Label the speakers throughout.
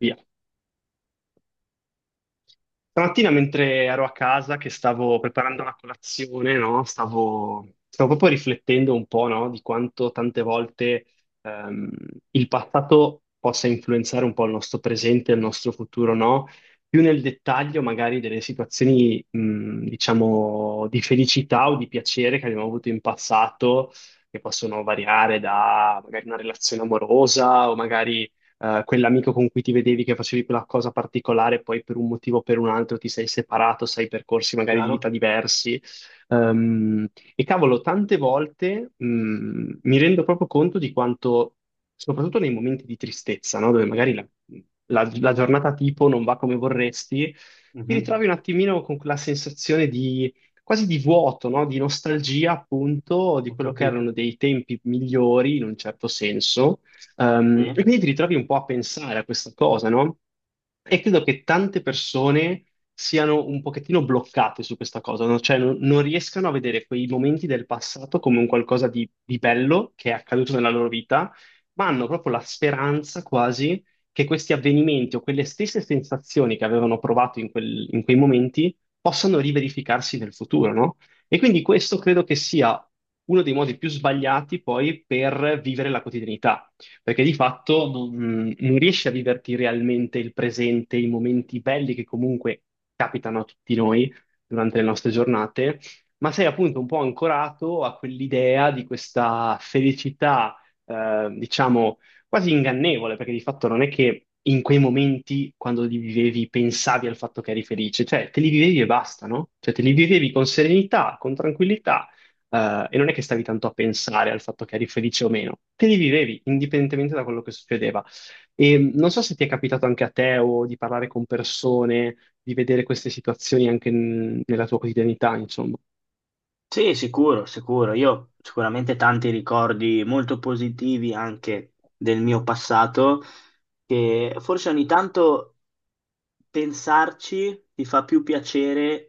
Speaker 1: Via. Stamattina mentre ero a casa, che stavo preparando la colazione, no? Stavo proprio riflettendo un po', no? Di quanto tante volte ehm, il passato possa influenzare un po' il nostro presente e il nostro futuro, no? Più nel dettaglio magari delle situazioni, diciamo, di felicità o di piacere che abbiamo avuto in passato, che possono variare da magari una relazione amorosa o magari quell'amico con cui ti vedevi, che facevi quella cosa particolare, poi per un motivo o per un altro ti sei separato, sei percorsi magari di vita
Speaker 2: Chiaro?
Speaker 1: diversi. Ehm, e cavolo, tante volte, mi rendo proprio conto di quanto, soprattutto nei momenti di tristezza, no? Dove magari la giornata tipo non va come vorresti, ti
Speaker 2: Mhm.
Speaker 1: ritrovi un attimino con quella sensazione di quasi di vuoto, no? Di nostalgia, appunto, di
Speaker 2: Ho
Speaker 1: quello che erano
Speaker 2: capito.
Speaker 1: dei tempi migliori in un certo senso. E
Speaker 2: Sì.
Speaker 1: quindi ti ritrovi un po' a pensare a questa cosa, no? E credo che tante persone siano un pochettino bloccate su questa cosa, no? Cioè non riescano a vedere quei momenti del passato come un qualcosa di bello che è accaduto nella loro vita, ma hanno proprio la speranza quasi che questi avvenimenti o quelle stesse sensazioni che avevano provato in in quei momenti possano riverificarsi nel futuro, no? E quindi questo credo che sia uno dei modi più sbagliati poi per vivere la quotidianità, perché di fatto non riesci a viverti realmente il presente, i momenti belli che comunque capitano a tutti noi durante le nostre giornate, ma sei appunto un po' ancorato a quell'idea di questa felicità, diciamo, quasi ingannevole, perché di fatto non è che in quei momenti, quando li vivevi, pensavi al fatto che eri felice, cioè te li vivevi e basta, no? Cioè te li vivevi con serenità, con tranquillità, e non è che stavi tanto a pensare al fatto che eri felice o meno, te li vivevi indipendentemente da quello che succedeva. E non so se ti è capitato anche a te o di parlare con persone, di vedere queste situazioni anche nella tua quotidianità, insomma.
Speaker 2: Sì, sicuro, sicuro. Io ho sicuramente tanti ricordi molto positivi anche del mio passato, che forse ogni tanto pensarci ti fa più piacere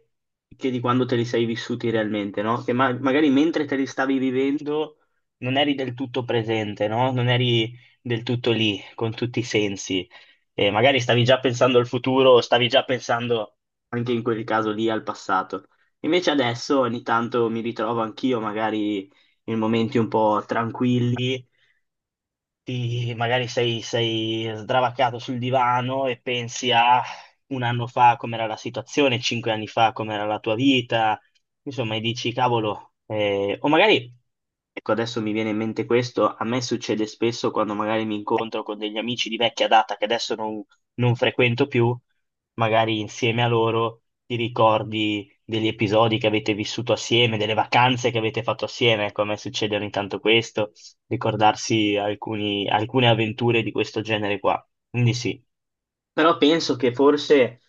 Speaker 2: che di quando te li sei vissuti realmente, no? Che magari mentre te li stavi vivendo non eri del tutto presente, no? Non eri del tutto lì con tutti i sensi. E magari stavi già pensando al futuro, stavi già pensando anche in quel caso lì al passato. Invece adesso ogni tanto mi ritrovo anch'io magari in momenti un po' tranquilli magari sei sdravaccato sul divano e pensi a un anno fa com'era la situazione, 5 anni fa com'era la tua vita, insomma, e dici, cavolo, o magari, ecco, adesso mi viene in mente questo, a me succede spesso quando magari mi incontro con degli amici di vecchia data che adesso non frequento più, magari insieme a loro ti ricordi degli episodi che avete vissuto assieme, delle vacanze che avete fatto assieme, ecco, a me succede ogni tanto questo ricordarsi alcune avventure di questo genere qua. Quindi sì. Però penso che forse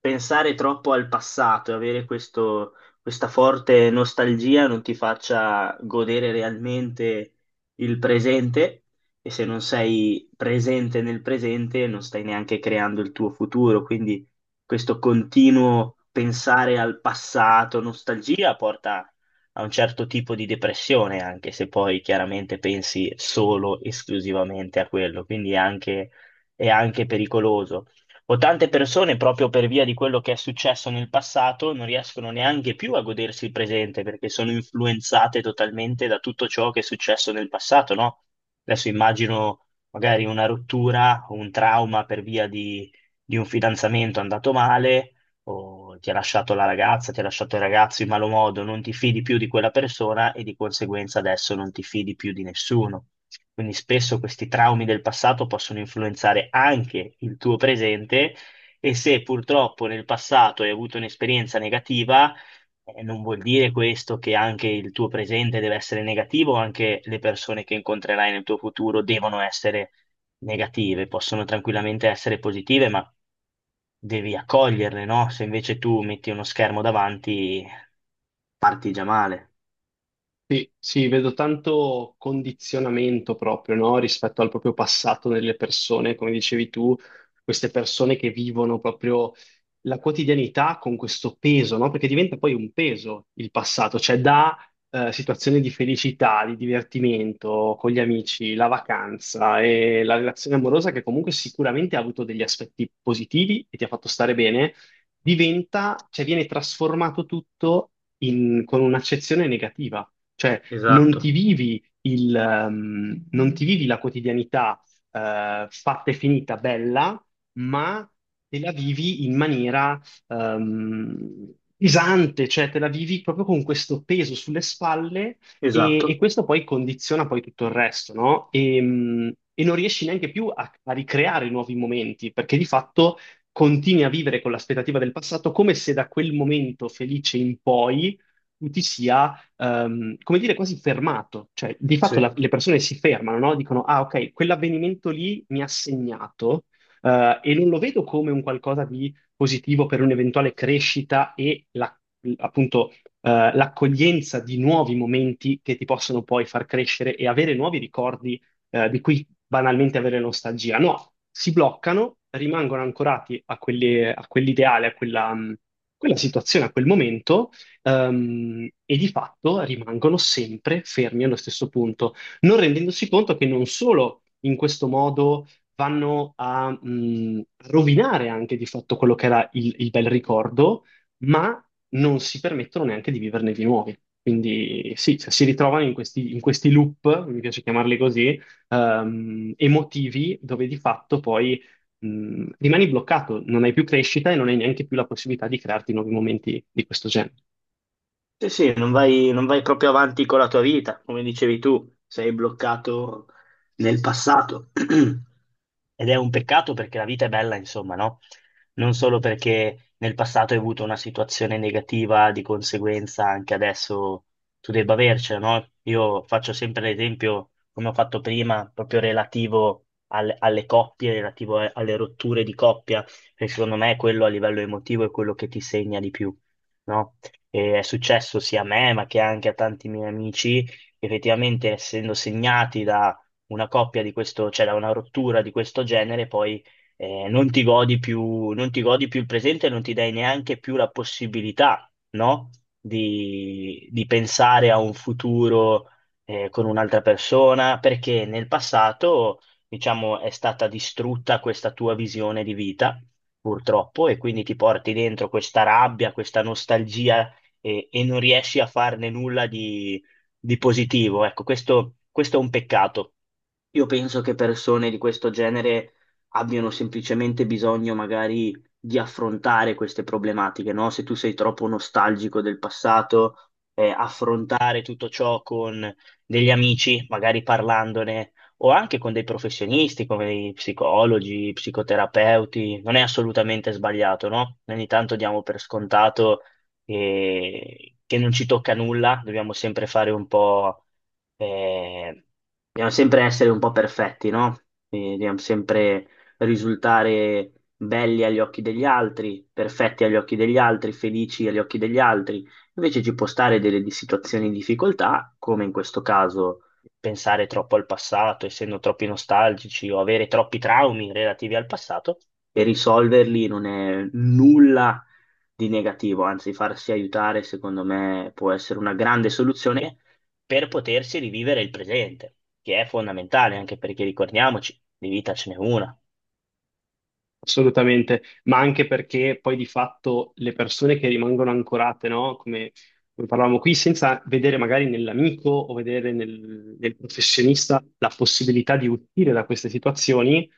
Speaker 2: pensare troppo al passato e avere questa forte nostalgia non ti faccia godere realmente il presente e se non sei presente nel presente non stai neanche creando il tuo futuro, quindi questo continuo pensare al passato, nostalgia porta a un certo tipo di depressione, anche se poi chiaramente pensi solo esclusivamente a quello, quindi è anche pericoloso o tante persone proprio per via di quello che è successo nel passato non riescono neanche più a godersi il presente perché sono influenzate totalmente da tutto ciò che è successo nel passato, no? Adesso immagino magari una rottura, un trauma per via di un fidanzamento andato male o ti ha lasciato la ragazza, ti ha lasciato il ragazzo in malo modo, non ti fidi più di quella persona e di conseguenza adesso non ti fidi più di nessuno. Quindi spesso questi traumi del passato possono influenzare anche il tuo presente e se purtroppo nel passato hai avuto un'esperienza negativa, non vuol dire questo che anche il tuo presente deve essere negativo, anche le persone che incontrerai nel tuo futuro devono essere negative, possono tranquillamente essere positive, ma devi accoglierle, no? Se invece tu metti uno schermo davanti, parti già male.
Speaker 1: Sì, sì, vedo tanto condizionamento proprio, no? Rispetto al proprio passato nelle persone, come dicevi tu, queste persone che vivono proprio la quotidianità con questo peso, no? Perché diventa poi un peso il passato, cioè da situazioni di felicità, di divertimento con gli amici, la vacanza e la relazione amorosa che comunque sicuramente ha avuto degli aspetti positivi e ti ha fatto stare bene, diventa, cioè viene trasformato tutto con un'accezione negativa, cioè non
Speaker 2: Esatto,
Speaker 1: ti vivi non ti vivi la quotidianità, fatta e finita, bella, ma te la vivi in maniera, pesante, cioè te la vivi proprio con questo peso sulle spalle. E, e
Speaker 2: esatto.
Speaker 1: questo poi condiziona poi tutto il resto, no? E non riesci neanche più a ricreare nuovi momenti, perché di fatto continui a vivere con l'aspettativa del passato come se da quel momento felice in poi tu ti sia, come dire, quasi fermato. Cioè, di fatto
Speaker 2: Sì.
Speaker 1: le persone si fermano, no? Dicono, ah, ok, quell'avvenimento lì mi ha segnato, e non lo vedo come un qualcosa di positivo per un'eventuale crescita e appunto, l'accoglienza di nuovi momenti che ti possono poi far crescere e avere nuovi ricordi, di cui banalmente avere nostalgia. No, si bloccano, rimangono ancorati a a quell'ideale, a quella, quella situazione, a quel momento, e di fatto rimangono sempre fermi allo stesso punto, non rendendosi conto che non solo in questo modo vanno a rovinare anche di fatto quello che era il bel ricordo, ma non si permettono neanche di viverne di nuovi. Quindi sì, cioè, si ritrovano in in questi loop, mi piace chiamarli così, emotivi, dove di fatto poi rimani bloccato, non hai più crescita e non hai neanche più la possibilità di crearti nuovi momenti di questo genere.
Speaker 2: Sì, sì, non vai proprio avanti con la tua vita, come dicevi tu, sei bloccato nel passato. Ed è un
Speaker 1: E
Speaker 2: peccato perché la vita è bella, insomma, no? Non solo perché nel passato hai avuto una situazione negativa, di conseguenza anche adesso tu debba avercela, no? Io faccio sempre l'esempio, come ho fatto prima, proprio relativo alle coppie, relativo alle rotture di coppia, perché secondo me quello a livello emotivo è quello che ti segna di più, no? E è successo sia a me, ma che anche a tanti miei amici, effettivamente essendo segnati da una coppia di questo, cioè da una rottura di questo genere, poi non ti godi più, non ti godi più il presente, non ti dai neanche più la possibilità, no? Di pensare a un futuro con un'altra persona, perché nel passato, diciamo, è stata distrutta questa tua visione di vita, purtroppo, e quindi ti porti dentro questa rabbia, questa nostalgia e non riesci a farne nulla di positivo. Ecco, questo è un peccato. Io penso che persone di questo genere abbiano semplicemente bisogno magari di affrontare queste problematiche, no? Se tu sei troppo nostalgico del passato, affrontare tutto ciò con degli amici, magari parlandone, o anche con dei professionisti come dei psicologi, psicoterapeuti, non è assolutamente sbagliato, no? Ogni tanto diamo per scontato che non ci tocca nulla, dobbiamo sempre fare un po'. Eh, dobbiamo sempre essere un po' perfetti, no? Quindi dobbiamo sempre risultare belli agli occhi degli altri, perfetti agli occhi degli altri, felici agli occhi degli altri. Invece ci può stare situazioni di difficoltà, come in questo caso pensare troppo al passato, essendo troppi nostalgici o avere troppi traumi relativi al passato, e risolverli non è nulla di negativo, anzi farsi aiutare, secondo me, può essere una grande soluzione per potersi rivivere il presente, che è fondamentale anche perché ricordiamoci, di vita ce n'è una.
Speaker 1: assolutamente, ma anche perché poi di fatto le persone che rimangono ancorate, no? Come, come parlavamo qui, senza vedere magari nell'amico o vedere nel professionista la possibilità di uscire da queste situazioni,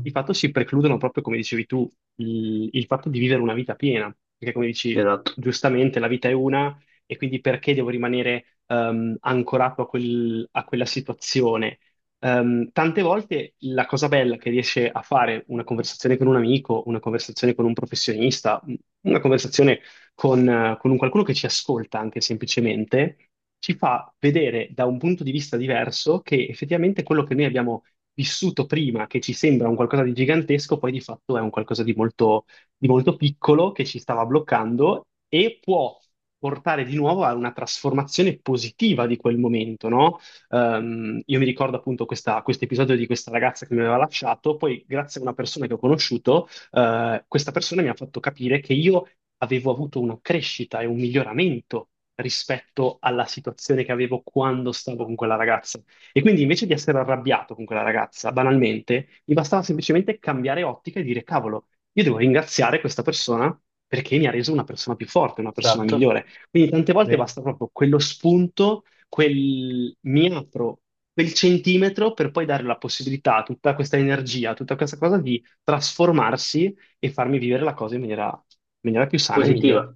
Speaker 1: di fatto si precludono proprio, come dicevi tu, il fatto di vivere una vita piena, perché come dici
Speaker 2: Esatto.
Speaker 1: giustamente la vita è una, e quindi perché devo rimanere ancorato a a quella situazione? Tante volte la cosa bella che riesce a fare una conversazione con un amico, una conversazione con un professionista, una conversazione con un qualcuno che ci ascolta anche semplicemente, ci fa vedere da un punto di vista diverso che effettivamente quello che noi abbiamo vissuto prima, che ci sembra un qualcosa di gigantesco, poi di fatto è un qualcosa di molto piccolo che ci stava bloccando, e può portare di nuovo a una trasformazione positiva di quel momento, no? Io mi ricordo appunto questo episodio di questa ragazza che mi aveva lasciato, poi grazie a una persona che ho conosciuto, questa persona mi ha fatto capire che io avevo avuto una crescita e un miglioramento rispetto alla situazione che avevo quando stavo con quella ragazza. E quindi invece di essere arrabbiato con quella ragazza, banalmente, mi bastava semplicemente cambiare ottica e dire, cavolo, io devo ringraziare questa persona perché mi ha reso una persona più forte, una persona
Speaker 2: Esatto.
Speaker 1: migliore. Quindi tante volte
Speaker 2: Beh,
Speaker 1: basta proprio quello spunto, quel, mi apro quel centimetro, per poi dare la possibilità a tutta questa energia, a tutta questa cosa di trasformarsi e farmi vivere la cosa in maniera più sana e
Speaker 2: positiva.
Speaker 1: migliore.